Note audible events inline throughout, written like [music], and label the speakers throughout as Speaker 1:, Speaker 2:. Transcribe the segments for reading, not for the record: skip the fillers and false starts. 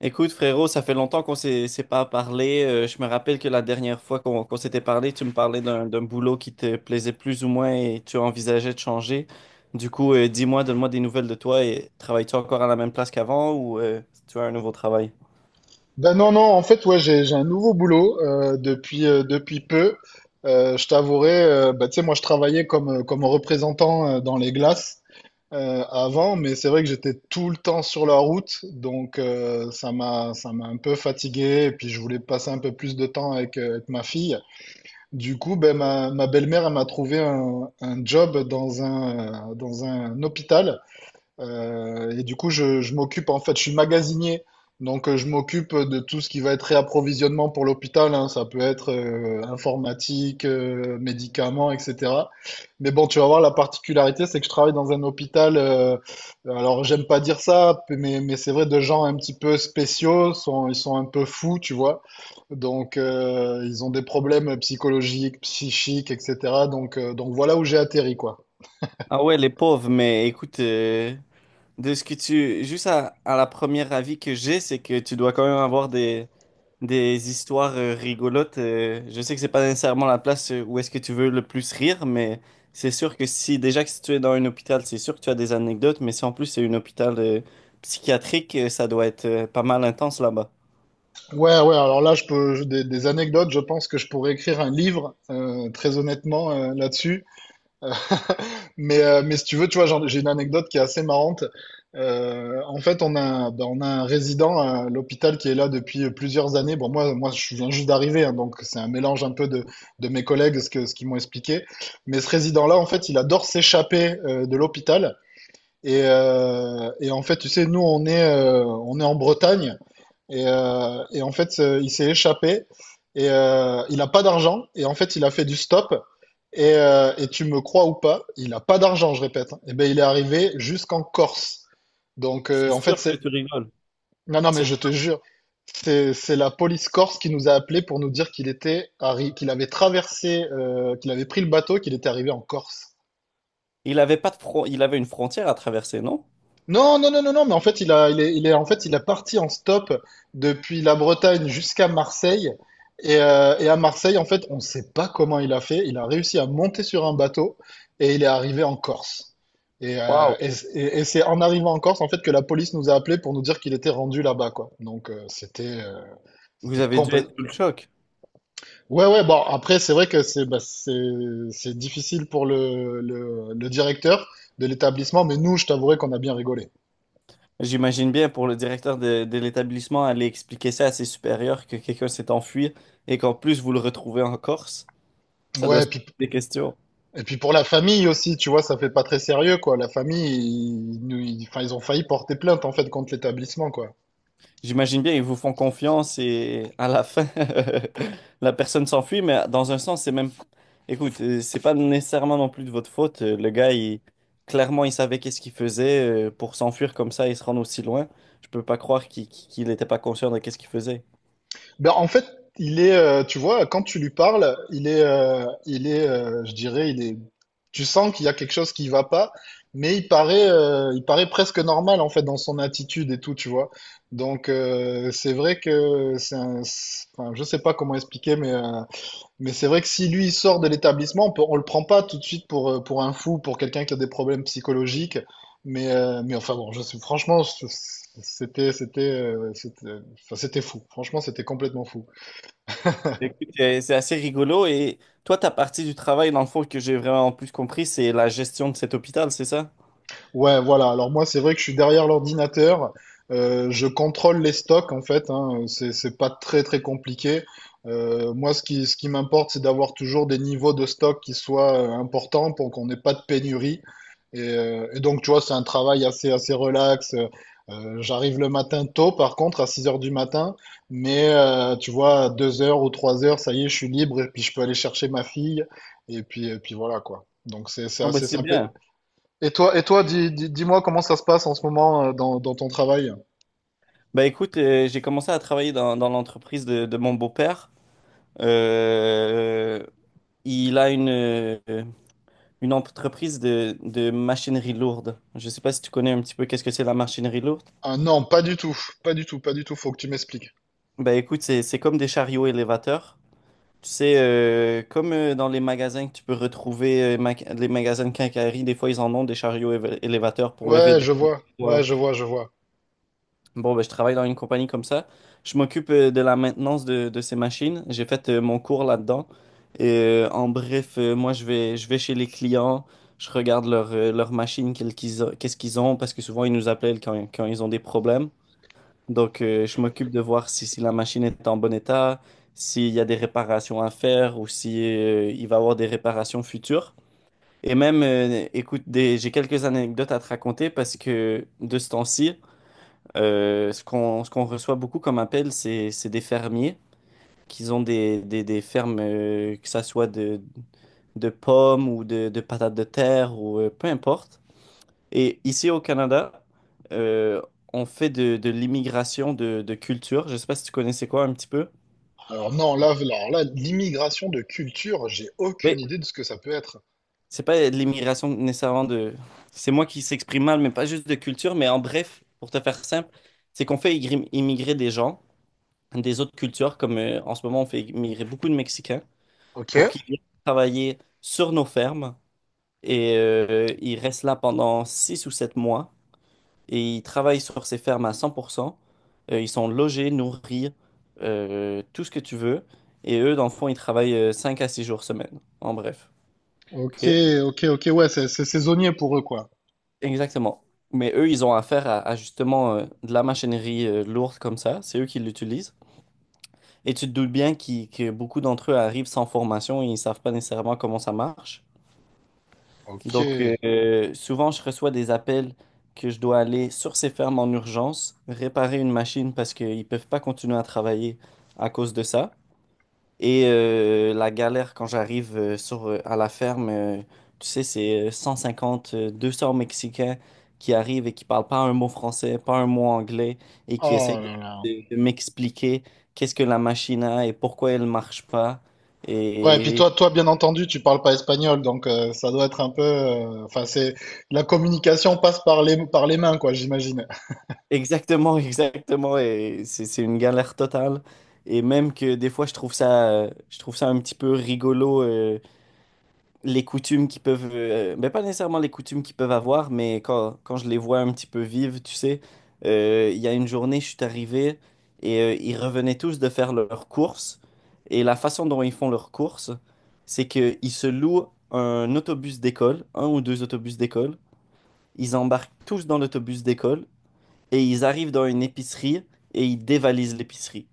Speaker 1: Écoute, frérot, ça fait longtemps qu'on s'est pas parlé. Je me rappelle que la dernière fois qu'on s'était parlé, tu me parlais d'un boulot qui te plaisait plus ou moins et tu envisageais de changer. Du coup, dis-moi, donne-moi des nouvelles de toi et travailles-tu encore à la même place qu'avant ou tu as un nouveau travail?
Speaker 2: Ben non, non, en fait, ouais, j'ai un nouveau boulot depuis peu. Je t'avouerai, bah, tu sais, moi, je travaillais comme représentant dans les glaces avant, mais c'est vrai que j'étais tout le temps sur la route, donc ça m'a un peu fatigué, et puis je voulais passer un peu plus de temps avec ma fille. Du coup, ben, ma belle-mère, elle m'a trouvé un job dans un hôpital. Et du coup, je m'occupe, en fait, je suis magasinier. Donc, je m'occupe de tout ce qui va être réapprovisionnement pour l'hôpital, hein. Ça peut être informatique, médicaments, etc. Mais bon, tu vas voir, la particularité, c'est que je travaille dans un hôpital. Alors, j'aime pas dire ça, mais c'est vrai, de gens un petit peu spéciaux. Ils sont un peu fous, tu vois. Donc, ils ont des problèmes psychologiques, psychiques, etc. Donc voilà où j'ai atterri, quoi.
Speaker 1: Ah ouais, les pauvres, mais écoute, de ce que tu... Juste à la première avis que j'ai, c'est que tu dois quand même avoir des histoires rigolotes. Je sais que c'est pas nécessairement la place où est-ce que tu veux le plus rire, mais c'est sûr que si déjà que si tu es dans un hôpital, c'est sûr que tu as des anecdotes, mais si en plus c'est un hôpital psychiatrique, ça doit être pas mal intense là-bas.
Speaker 2: Ouais, ouais, alors là, je peux, des anecdotes, je pense que je pourrais écrire un livre, très honnêtement, là-dessus. Euh, mais si tu veux, tu vois, j'ai une anecdote qui est assez marrante. En fait, on a un résident à l'hôpital qui est là depuis plusieurs années. Bon, moi, je viens juste d'arriver, hein, donc c'est un mélange un peu de mes collègues, ce qu'ils m'ont expliqué. Mais ce résident-là, en fait, il adore s'échapper de l'hôpital. Et en fait, tu sais, nous, on est en Bretagne. Et en fait, il s'est échappé et il n'a pas d'argent. Et en fait, il a fait du stop. Et tu me crois ou pas, il n'a pas d'argent, je répète, hein. Et ben, il est arrivé jusqu'en Corse. Donc, en fait, c'est. Non, non, mais
Speaker 1: C'est-
Speaker 2: je te jure, c'est la police corse qui nous a appelés pour nous dire qu'il était qu'il avait traversé, qu'il avait pris le bateau, qu'il était arrivé en Corse.
Speaker 1: Il avait une frontière à traverser, non?
Speaker 2: Non, non, non, non, non, mais en fait, il a, il est, en fait, il a parti en stop depuis la Bretagne jusqu'à Marseille. Et à Marseille, en fait, on ne sait pas comment il a fait. Il a réussi à monter sur un bateau et il est arrivé en Corse. Et, euh,
Speaker 1: Waouh.
Speaker 2: et, et- et c'est en arrivant en Corse, en fait, que la police nous a appelés pour nous dire qu'il était rendu là-bas, quoi. Donc, euh, c'était, euh,
Speaker 1: Vous
Speaker 2: c'était
Speaker 1: avez dû
Speaker 2: complètement.
Speaker 1: être sous le choc.
Speaker 2: Ouais, ouais, bon, après, c'est vrai que c'est bah, c'est difficile pour le directeur de l'établissement, mais nous, je t'avouerai qu'on a bien rigolé.
Speaker 1: J'imagine bien pour le directeur de l'établissement aller expliquer ça à ses supérieurs que quelqu'un s'est enfui et qu'en plus vous le retrouvez en Corse. Ça doit
Speaker 2: Ouais,
Speaker 1: se poser
Speaker 2: puis
Speaker 1: des questions.
Speaker 2: Et puis pour la famille aussi, tu vois, ça fait pas très sérieux, quoi. La famille, enfin, ils ont failli porter plainte, en fait, contre l'établissement, quoi.
Speaker 1: J'imagine bien, ils vous font confiance et à la fin, [laughs] la personne s'enfuit, mais dans un sens, c'est même... Écoute, c'est pas nécessairement non plus de votre faute. Le gars, il... Clairement, il savait qu'est-ce qu'il faisait pour s'enfuir comme ça et se rendre aussi loin. Je peux pas croire qu'il était pas conscient de qu'est-ce qu'il faisait.
Speaker 2: Ben, en fait, tu vois, quand tu lui parles, il est, je dirais, il est, tu sens qu'il y a quelque chose qui va pas, mais il paraît presque normal, en fait, dans son attitude et tout, tu vois. Donc, c'est vrai que enfin, je sais pas comment expliquer, mais c'est vrai que si lui il sort de l'établissement, on le prend pas tout de suite pour un fou, pour quelqu'un qui a des problèmes psychologiques. Mais enfin bon, je sais, franchement, c'était, enfin, c'était fou. Franchement, c'était complètement fou.
Speaker 1: Écoute, c'est assez rigolo. Et toi, ta partie du travail, dans le fond, que j'ai vraiment plus compris, c'est la gestion de cet hôpital, c'est ça?
Speaker 2: Ouais, voilà. Alors moi, c'est vrai que je suis derrière l'ordinateur. Je contrôle les stocks en fait, hein. C'est pas très très compliqué. Moi, ce qui m'importe, c'est d'avoir toujours des niveaux de stock qui soient importants pour qu'on n'ait pas de pénurie. Et donc, tu vois, c'est un travail assez assez relax. J'arrive le matin tôt, par contre, à 6 heures du matin. Mais tu vois, à 2 heures ou 3 heures, ça y est, je suis libre et puis je peux aller chercher ma fille. Et puis voilà quoi. Donc c'est
Speaker 1: Ah bah
Speaker 2: assez
Speaker 1: c'est
Speaker 2: simple.
Speaker 1: bien.
Speaker 2: Et toi, dis-moi comment ça se passe en ce moment dans ton travail.
Speaker 1: Bah écoute, j'ai commencé à travailler dans l'entreprise de mon beau-père. Euh, Il a une entreprise de machinerie lourde. Je ne sais pas si tu connais un petit peu qu'est-ce que c'est la machinerie lourde.
Speaker 2: Ah non, pas du tout, pas du tout, pas du tout, faut que tu m'expliques.
Speaker 1: Ben écoute, c'est comme des chariots élévateurs. Tu sais, comme dans les magasins que tu peux retrouver, les magasins de quincaillerie, des fois ils en ont des chariots élévateurs pour lever des
Speaker 2: Ouais,
Speaker 1: poids.
Speaker 2: je vois, je vois.
Speaker 1: Bon, ben, je travaille dans une compagnie comme ça. Je m'occupe de la maintenance de ces machines. J'ai fait mon cours là-dedans. Et, en bref, moi, je vais chez les clients. Je regarde leurs machines, qu'est-ce qu'ils ont, parce que souvent, ils nous appellent quand ils ont des problèmes. Donc, je m'occupe de voir si la machine est en bon état, s'il y a des réparations à faire ou si, il va y avoir des réparations futures. Et même, écoute, j'ai quelques anecdotes à te raconter parce que de ce temps-ci, ce qu'on reçoit beaucoup comme appel, c'est des fermiers qui ont des fermes, que ça soit de pommes ou de patates de terre ou peu importe. Et ici au Canada, euh, on fait de l'immigration de culture. Je sais pas si tu connaissais quoi un petit peu.
Speaker 2: Alors non, là, alors là, l'immigration de culture, j'ai aucune
Speaker 1: Mais
Speaker 2: idée de ce que ça peut être.
Speaker 1: c'est pas de l'immigration nécessairement de... C'est moi qui s'exprime mal, mais pas juste de culture. Mais en bref, pour te faire simple, c'est qu'on fait immigrer des gens des autres cultures, comme en ce moment on fait immigrer beaucoup de Mexicains,
Speaker 2: Ok.
Speaker 1: pour qu'ils viennent travailler sur nos fermes et ils restent là pendant 6 ou 7 mois et ils travaillent sur ces fermes à 100%. Ils sont logés, nourris, tout ce que tu veux. Et eux, dans le fond, ils travaillent 5 à 6 jours semaine, en bref.
Speaker 2: Ok,
Speaker 1: OK.
Speaker 2: ok, ok, ouais, c'est saisonnier pour eux, quoi.
Speaker 1: Exactement. Mais eux, ils ont affaire à justement de la machinerie lourde comme ça. C'est eux qui l'utilisent. Et tu te doutes bien que beaucoup d'entre eux arrivent sans formation et ils ne savent pas nécessairement comment ça marche.
Speaker 2: Ok.
Speaker 1: Donc, souvent, je reçois des appels que je dois aller sur ces fermes en urgence, réparer une machine parce qu'ils ne peuvent pas continuer à travailler à cause de ça. Et la galère quand j'arrive à la ferme, tu sais, c'est 150 200 Mexicains qui arrivent et qui parlent pas un mot français, pas un mot anglais, et qui essayent
Speaker 2: Oh là là.
Speaker 1: de m'expliquer qu'est-ce que la machine a et pourquoi elle marche pas.
Speaker 2: Ouais, et puis
Speaker 1: Et,
Speaker 2: toi, bien entendu, tu parles pas espagnol, donc ça doit être un peu. Enfin, c'est la communication passe par les mains, quoi, j'imagine.
Speaker 1: Exactement, [laughs]
Speaker 2: [laughs]
Speaker 1: exactement. Et c'est une galère totale. Et même que des fois, je trouve ça un petit peu rigolo, les coutumes qui peuvent... Ben pas nécessairement les coutumes qu'ils peuvent avoir, mais quand je les vois un petit peu vivre, tu sais, il y a une journée, je suis arrivé et ils revenaient tous de faire leurs courses. Et la façon dont ils font leurs courses, c'est qu'ils se louent un autobus d'école, un ou deux autobus d'école. Ils embarquent tous dans l'autobus d'école et ils arrivent dans une épicerie et ils dévalisent l'épicerie.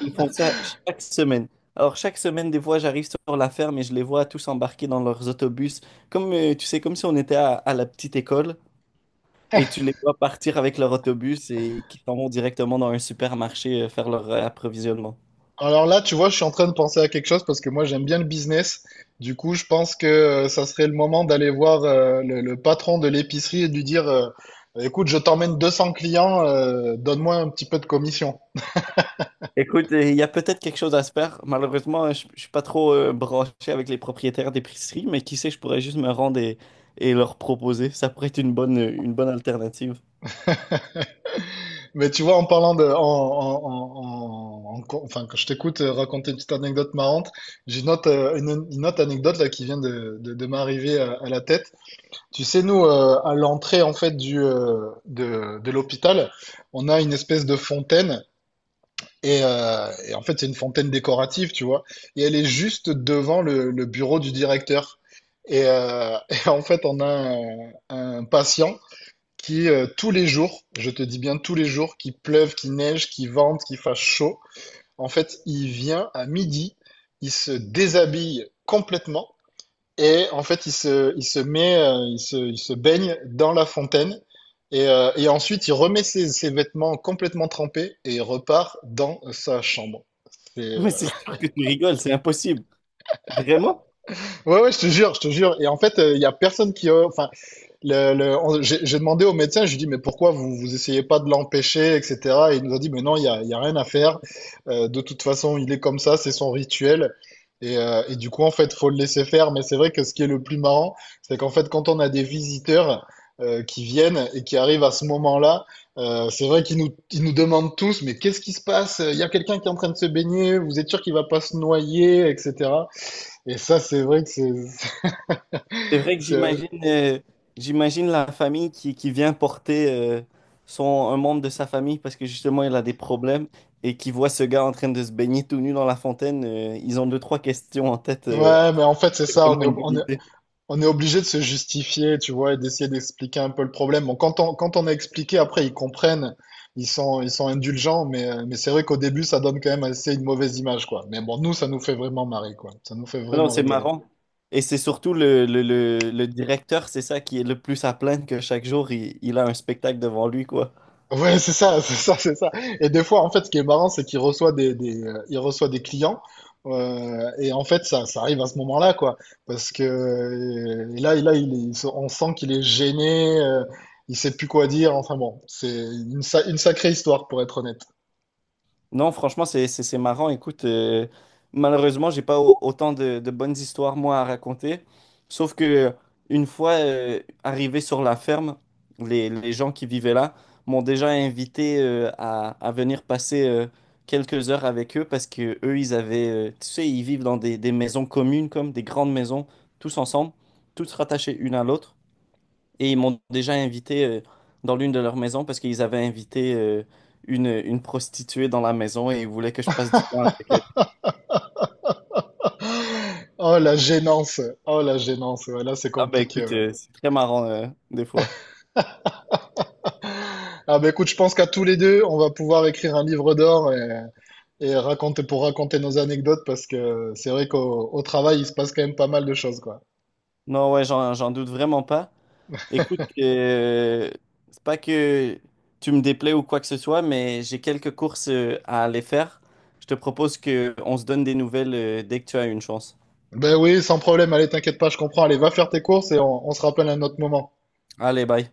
Speaker 1: Ils font ça chaque semaine. Alors chaque semaine, des fois, j'arrive sur la ferme et je les vois tous embarqués dans leurs autobus, comme tu sais, comme si on était à la petite école, et tu les vois partir avec leur autobus et qui s'en vont directement dans un supermarché faire leur approvisionnement.
Speaker 2: Alors là, tu vois, je suis en train de penser à quelque chose parce que moi, j'aime bien le business. Du coup, je pense que ça serait le moment d'aller voir le patron de l'épicerie et de lui dire, écoute, je t'emmène 200 clients, donne-moi un petit peu de commission.
Speaker 1: Écoute, il y a peut-être quelque chose à se faire. Malheureusement, je suis pas trop branché avec les propriétaires d'épicerie, mais qui sait, je pourrais juste me rendre et leur proposer. Ça pourrait être une bonne alternative.
Speaker 2: Mais tu vois, en parlant de, enfin, quand je t'écoute raconter une petite anecdote marrante, j'ai une autre anecdote là qui vient de m'arriver à la tête. Tu sais, nous, à l'entrée en fait de l'hôpital, on a une espèce de fontaine et en fait c'est une fontaine décorative, tu vois, et elle est juste devant le bureau du directeur. Et, [laughs] et en fait, on a un patient qui tous les jours, je te dis bien tous les jours, qu'il pleuve, qu'il neige, qu'il vente, qu'il fasse chaud, en fait, il vient à midi, il se déshabille complètement et en fait, il se met, il se baigne dans la fontaine et ensuite, il remet ses vêtements complètement trempés et il repart dans sa chambre. C'est, euh,
Speaker 1: Mais c'est sûr que tu rigoles, c'est impossible. Vraiment?
Speaker 2: Ouais, ouais, je te jure, je te jure. Et en fait, il y a personne qui, enfin, j'ai demandé au médecin, je lui ai dit, mais pourquoi vous vous essayez pas de l'empêcher, etc. Et il nous a dit, mais non, il y a rien à faire. De toute façon, il est comme ça, c'est son rituel. Et du coup, en fait, faut le laisser faire. Mais c'est vrai que ce qui est le plus marrant, c'est qu'en fait, quand on a des visiteurs qui viennent et qui arrivent à ce moment-là, c'est vrai qu'ils nous demandent tous, mais qu'est-ce qui se passe? Il y a quelqu'un qui est en train de se baigner, vous êtes sûr qu'il va pas se noyer, etc. Et ça, c'est vrai que c'est,
Speaker 1: C'est vrai
Speaker 2: [laughs]
Speaker 1: que
Speaker 2: c'est-
Speaker 1: j'imagine la famille qui vient porter son, un membre de sa famille parce que justement il a des problèmes et qui voit ce gars en train de se baigner tout nu dans la fontaine. Ils ont deux, trois questions en tête.
Speaker 2: Ouais, mais en fait, c'est
Speaker 1: C'est
Speaker 2: ça, on
Speaker 1: vraiment
Speaker 2: est,
Speaker 1: une
Speaker 2: ob-
Speaker 1: bonne
Speaker 2: on est,
Speaker 1: idée.
Speaker 2: On est obligé de se justifier, tu vois, et d'essayer d'expliquer un peu le problème. Bon, quand on a expliqué, après, ils comprennent, ils sont indulgents, mais c'est vrai qu'au début, ça donne quand même assez une mauvaise image, quoi. Mais bon, nous, ça nous fait vraiment marrer, quoi. Ça nous fait
Speaker 1: Mais non,
Speaker 2: vraiment
Speaker 1: c'est
Speaker 2: rigoler.
Speaker 1: marrant. Et c'est surtout le directeur, c'est ça qui est le plus à plaindre que chaque jour, il a un spectacle devant lui, quoi.
Speaker 2: Ouais, c'est ça, [laughs] c'est ça, c'est ça. Et des fois, en fait, ce qui est marrant, c'est qu'il reçoit des, il reçoit des clients. Et en fait, ça arrive à ce moment-là, quoi. Parce que là, et là, il est- il se- on sent qu'il est gêné, il sait plus quoi dire. Enfin bon, c'est une sacrée histoire, pour être honnête.
Speaker 1: Non, franchement, c'est marrant. Écoute, malheureusement, j'ai pas autant de bonnes histoires, moi, à raconter. Sauf que une fois arrivé sur la ferme, les gens qui vivaient là m'ont déjà invité à venir passer quelques heures avec eux parce que eux, ils avaient, tu sais, ils vivent dans des maisons communes, comme des grandes maisons, tous ensemble, toutes rattachées une à l'autre. Et ils m'ont déjà invité dans l'une de leurs maisons parce qu'ils avaient invité une prostituée dans la maison et ils voulaient que je passe du temps avec elle.
Speaker 2: [laughs] Oh, la gênance. Oh, la gênance. Ouais, là, c'est
Speaker 1: Ah ben
Speaker 2: compliqué,
Speaker 1: écoute,
Speaker 2: ouais.
Speaker 1: c'est très marrant des fois.
Speaker 2: [laughs] Ah, bah écoute, je pense qu'à tous les deux, on va pouvoir écrire un livre d'or. Et raconter pour raconter nos anecdotes parce que c'est vrai qu'au au travail, il se passe quand même pas mal de choses, quoi.
Speaker 1: Non, ouais, j'en doute vraiment pas. Écoute, c'est pas que tu me déplais ou quoi que ce soit, mais j'ai quelques courses à aller faire. Je te propose que on se donne des nouvelles dès que tu as une chance.
Speaker 2: Ben oui, sans problème, allez, t'inquiète pas, je comprends. Allez, va faire tes courses et on se rappelle à un autre moment.
Speaker 1: Allez, bye.